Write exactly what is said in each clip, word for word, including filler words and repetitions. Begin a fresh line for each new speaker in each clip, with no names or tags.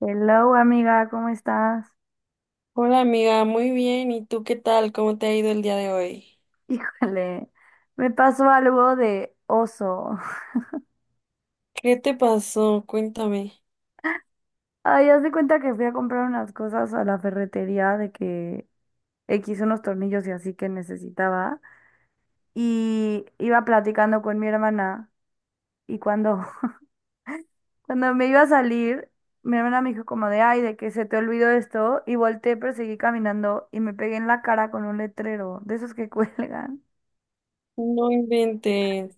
Hello, amiga, ¿cómo estás?
Hola amiga, muy bien. ¿Y tú qué tal? ¿Cómo te ha ido el día de hoy?
Híjole, me pasó algo de oso.
¿Qué te pasó? Cuéntame.
Ay, haz de cuenta que fui a comprar unas cosas a la ferretería de que X unos tornillos y así que necesitaba. Y iba platicando con mi hermana y cuando, cuando me iba a salir, mi hermana me dijo como de, ay, de que se te olvidó esto. Y volteé, pero seguí caminando y me pegué en la cara con un letrero de esos que cuelgan.
No inventes.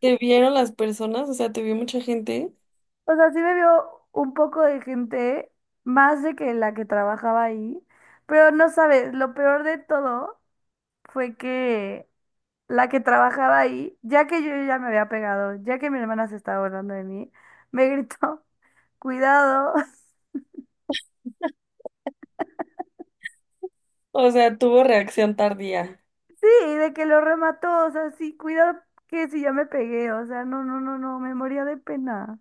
¿Te vieron las personas? O sea, ¿te vio mucha gente?
O sea, sí me vio un poco de gente, más de que la que trabajaba ahí, pero no sabes, lo peor de todo fue que la que trabajaba ahí, ya que yo ya me había pegado, ya que mi hermana se estaba burlando de mí, me gritó, cuidado.
O sea, tuvo reacción tardía.
Sí, de que lo remató, o sea, sí, cuidado que si ya me pegué, o sea, no, no, no, no, me moría de pena.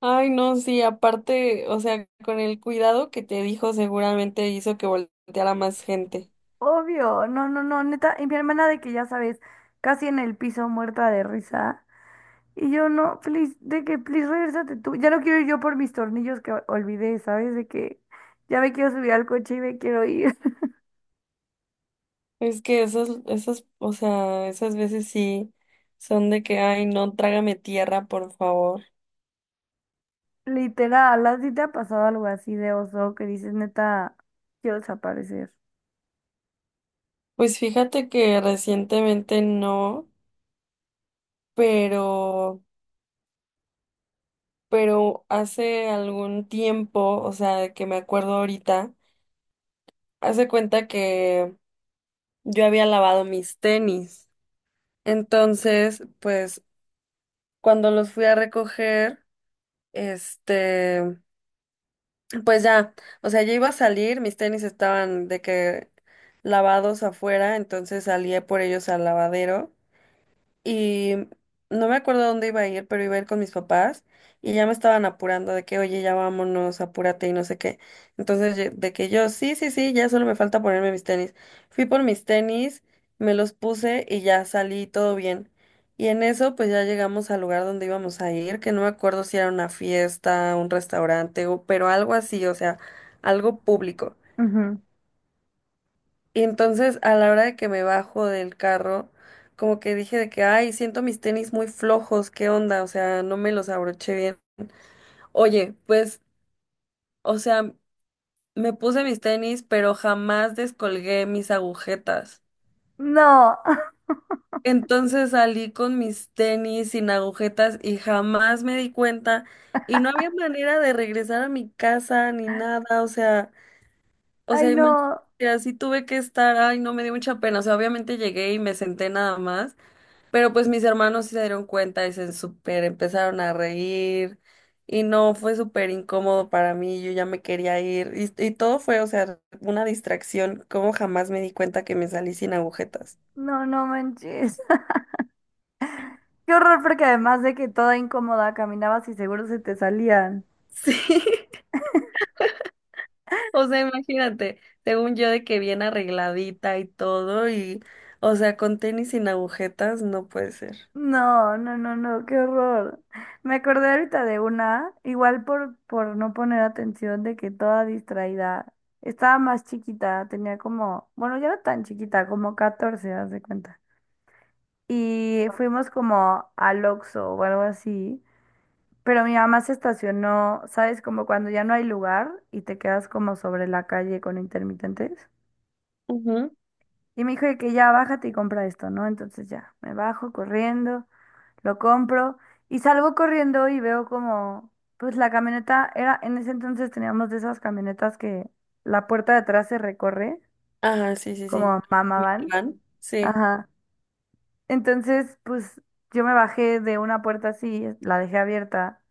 Ay, no, sí, aparte, o sea, con el cuidado que te dijo, seguramente hizo que volteara más gente.
Obvio, no, no, no, neta, y mi hermana de que ya sabes, casi en el piso muerta de risa. Y yo no, please, de que, please, regresate tú. Ya no quiero ir yo por mis tornillos que olvidé, ¿sabes? De que ya me quiero subir al coche y me quiero ir.
Es que esas, esas, o sea, esas veces sí son de que, ay, no, trágame tierra, por favor.
Literal, ¿a ti te ha pasado algo así de oso que dices, neta, quiero desaparecer?
Pues fíjate que recientemente no, pero pero hace algún tiempo, o sea, de que me acuerdo ahorita, hace cuenta que yo había lavado mis tenis. Entonces, pues cuando los fui a recoger, este, pues ya, o sea, yo iba a salir, mis tenis estaban de que lavados afuera, entonces salí por ellos al lavadero. Y no me acuerdo a dónde iba a ir, pero iba a ir con mis papás y ya me estaban apurando de que, oye, ya vámonos, apúrate y no sé qué. Entonces, ye- de que yo, sí, sí, sí, ya solo me falta ponerme mis tenis. Fui por mis tenis, me los puse y ya salí todo bien. Y en eso, pues ya llegamos al lugar donde íbamos a ir, que no me acuerdo si era una fiesta, un restaurante, o- pero algo así, o sea, algo público.
Ujú.
Y entonces a la hora de que me bajo del carro, como que dije de que, ay, siento mis tenis muy flojos, ¿qué onda? O sea, no me los abroché bien. Oye, pues, o sea, me puse mis tenis, pero jamás descolgué mis agujetas.
No.
Entonces salí con mis tenis sin agujetas y jamás me di cuenta y no había manera de regresar a mi casa ni nada, o sea, o
Ay,
sea,
no,
imagínate, así tuve que estar, ay, no me dio mucha pena, o sea, obviamente llegué y me senté nada más. Pero pues mis hermanos sí se dieron cuenta y se súper empezaron a reír y no, fue súper incómodo para mí, yo ya me quería ir y, y todo fue, o sea, una distracción, como jamás me di cuenta que me salí sin agujetas.
no, no manches. Qué horror, porque además de que toda incómoda caminabas y seguro se te salían.
Sí, o sea, imagínate, según yo de que bien arregladita y todo y, o sea, con tenis sin agujetas no puede ser.
No, no, no, no, qué horror. Me acordé ahorita de una, igual por, por no poner atención de que toda distraída. Estaba más chiquita, tenía como, bueno, ya no tan chiquita, como catorce, haz de cuenta. Y fuimos como al Oxxo o algo así, pero mi mamá se estacionó, ¿sabes? Como cuando ya no hay lugar y te quedas como sobre la calle con intermitentes.
Ujú.
Y me dijo de que ya bájate y compra esto, ¿no? Entonces ya, me bajo corriendo, lo compro y salgo corriendo y veo como, pues la camioneta era, en ese entonces teníamos de esas camionetas que la puerta de atrás se recorre,
Ajá, sí, sí, sí.
como mamá van.
¿Milán? Sí.
Ajá. Entonces, pues yo me bajé de una puerta así, la dejé abierta,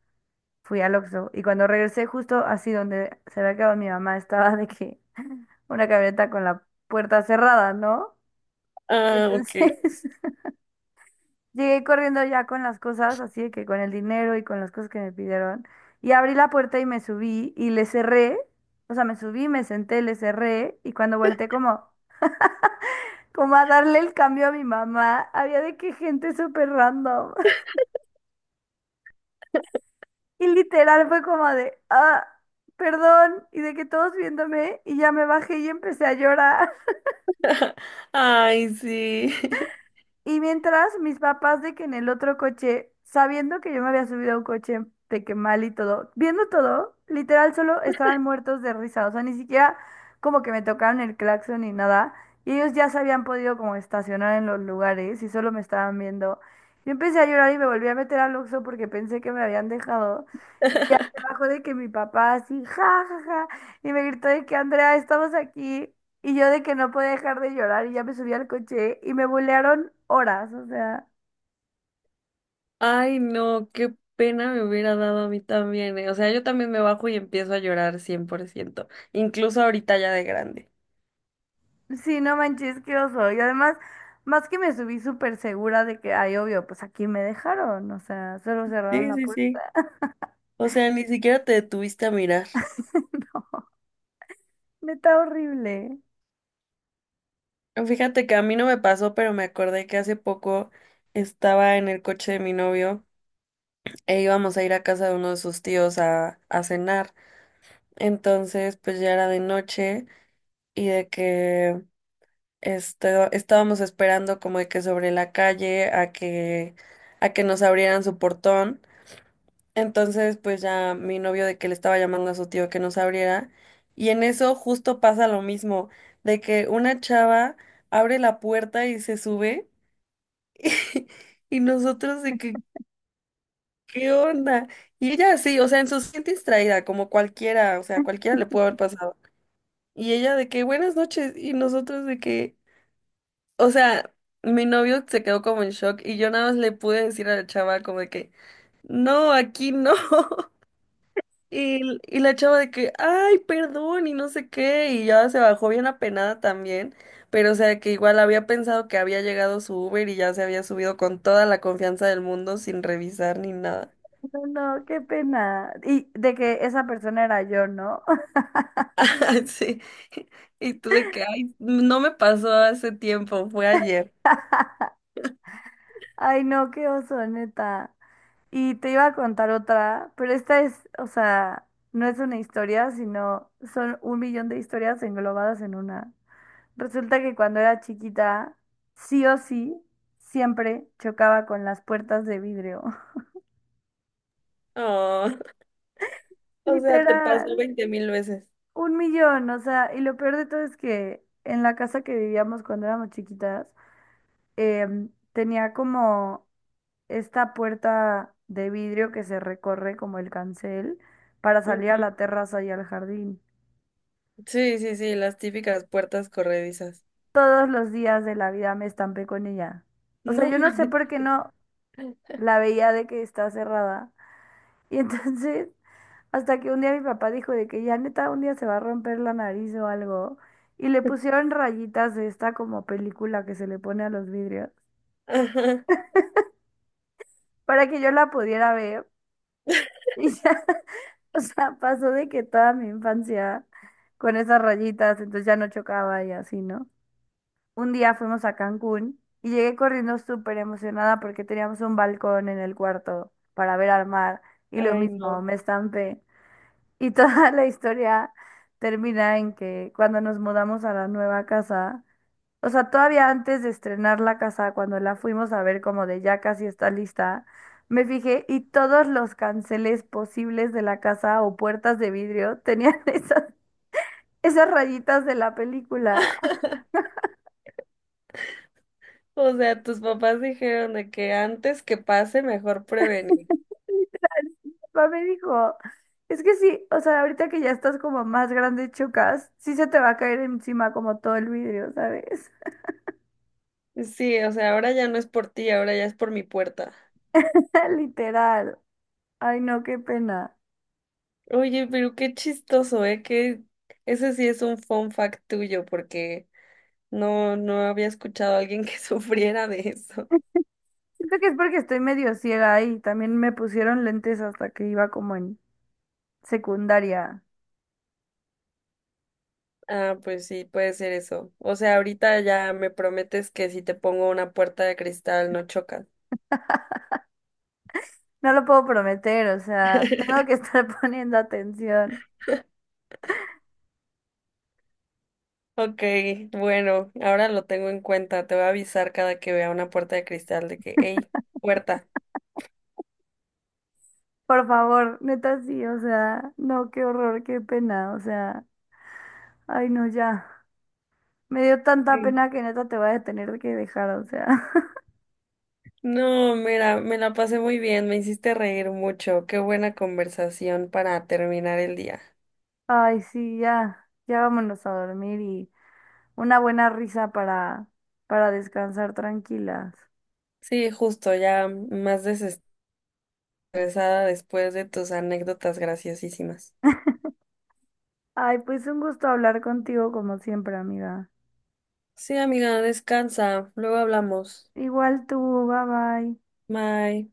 fui al Oxxo y cuando regresé justo así donde se había quedado mi mamá, estaba de que una camioneta con la puerta cerrada, ¿no? Y
Ah,
entonces
ok.
llegué corriendo ya con las cosas, así de que con el dinero y con las cosas que me pidieron. Y abrí la puerta y me subí y le cerré. O sea, me subí, me senté, le cerré. Y cuando volteé como, como a darle el cambio a mi mamá, había de que gente súper random. Y literal fue como de, ah, perdón. Y de que todos viéndome y ya me bajé y empecé a llorar.
Ay, sí.
Y mientras mis papás de que en el otro coche, sabiendo que yo me había subido a un coche de que mal y todo, viendo todo, literal solo estaban muertos de risa, o sea, ni siquiera como que me tocaron el claxon ni nada, y ellos ya se habían podido como estacionar en los lugares y solo me estaban viendo. Yo empecé a llorar y me volví a meter al Oxxo porque pensé que me habían dejado. Y ya se bajó de que mi papá así, ja, ja, ja, y me gritó de que Andrea, estamos aquí. Y yo de que no podía dejar de llorar y ya me subí al coche y me bulearon horas, o sea,
Ay, no, qué pena me hubiera dado a mí también, eh. O sea, yo también me bajo y empiezo a llorar cien por ciento. Incluso ahorita ya de grande.
sí, no manches, qué oso. Y además, más que me subí súper segura de que, ay, obvio, pues aquí me dejaron, o sea, solo cerraron
Sí,
la
sí,
puerta.
sí. O sea, ni siquiera te detuviste a mirar.
Neta horrible.
Fíjate que a mí no me pasó, pero me acordé que hace poco estaba en el coche de mi novio e íbamos a ir a casa de uno de sus tíos a, a cenar. Entonces, pues ya era de noche y de que Esto, estábamos esperando como de que sobre la calle a que a que nos abrieran su portón. Entonces, pues ya mi novio de que le estaba llamando a su tío que nos abriera y en eso justo pasa lo mismo, de que una chava abre la puerta y se sube y, nosotros de que ¿qué onda? Y ella así, o sea, en su siente distraída como cualquiera, o sea, cualquiera le puede haber pasado. Y ella de que buenas noches y nosotros de que o sea, mi novio se quedó como en shock y yo nada más le pude decir a la chava como de que, no, aquí no. Y, y la chava de que, ay, perdón y no sé qué. Y ya se bajó bien apenada también. Pero o sea, que igual había pensado que había llegado su Uber y ya se había subido con toda la confianza del mundo sin revisar ni nada.
No, no, qué pena. Y de que esa persona era yo, ¿no?
Sí. Y tuve que, ay, no me pasó hace tiempo, fue ayer.
Ay, no, qué oso, neta. Y te iba a contar otra, pero esta es, o sea, no es una historia, sino son un millón de historias englobadas en una. Resulta que cuando era chiquita, sí o sí, siempre chocaba con las puertas de vidrio.
Oh, o sea, te pasó
Literal,
veinte mil veces.
un millón, o sea, y lo peor de todo es que en la casa que vivíamos cuando éramos chiquitas, em, tenía como esta puerta de vidrio que se recorre como el cancel para salir a la terraza y al jardín.
Sí, sí, sí, las típicas puertas corredizas.
Todos los días de la vida me estampé con ella. O sea,
No,
yo no sé por qué no la veía de que está cerrada. Y entonces, hasta que un día mi papá dijo de que ya neta un día se va a romper la nariz o algo, y le pusieron rayitas de esta como película que se le pone a los vidrios,
ajá.
para que yo la pudiera ver. Y ya, o sea, pasó de que toda mi infancia con esas rayitas, entonces ya no chocaba y así, ¿no? Un día fuimos a Cancún y llegué corriendo súper emocionada porque teníamos un balcón en el cuarto para ver al mar y lo
Ay,
mismo,
no.
me estampé. Y toda la historia termina en que cuando nos mudamos a la nueva casa, o sea, todavía antes de estrenar la casa, cuando la fuimos a ver como de ya casi está lista, me fijé y todos los canceles posibles de la casa o puertas de vidrio tenían esas, esas rayitas de la película.
O sea, tus papás dijeron de que antes que pase, mejor prevenir.
O papá me dijo, es que sí, o sea, ahorita que ya estás como más grande, chocas, sí se te va a caer encima como todo el vidrio, ¿sabes?
Sí, o sea, ahora ya no es por ti, ahora ya es por mi puerta.
Literal. Ay, no, qué pena.
Oye, pero qué chistoso, ¿eh? Que ese sí es un fun fact tuyo, porque no, no había escuchado a alguien que sufriera de eso.
Siento que es porque estoy medio ciega ahí. También me pusieron lentes hasta que iba como en secundaria.
Ah, pues sí, puede ser eso. O sea, ahorita ya me prometes que si te pongo una puerta de cristal no chocas.
No lo puedo prometer, o sea, tengo que estar poniendo atención.
Ok, bueno, ahora lo tengo en cuenta. Te voy a avisar cada que vea una puerta de cristal de que, hey, puerta.
Por favor, neta sí, o sea, no, qué horror, qué pena, o sea, ay no, ya. Me dio tanta
Sí.
pena que neta te voy a tener que dejar, o sea.
No, mira, me la pasé muy bien, me hiciste reír mucho. Qué buena conversación para terminar el día.
Ay, sí, ya, ya vámonos a dormir y una buena risa para, para descansar tranquilas.
Sí, justo, ya más desestresada después de tus anécdotas graciosísimas.
Ay, pues un gusto hablar contigo como siempre, amiga.
Sí, amiga, descansa, luego hablamos.
Igual tú, bye bye.
Bye.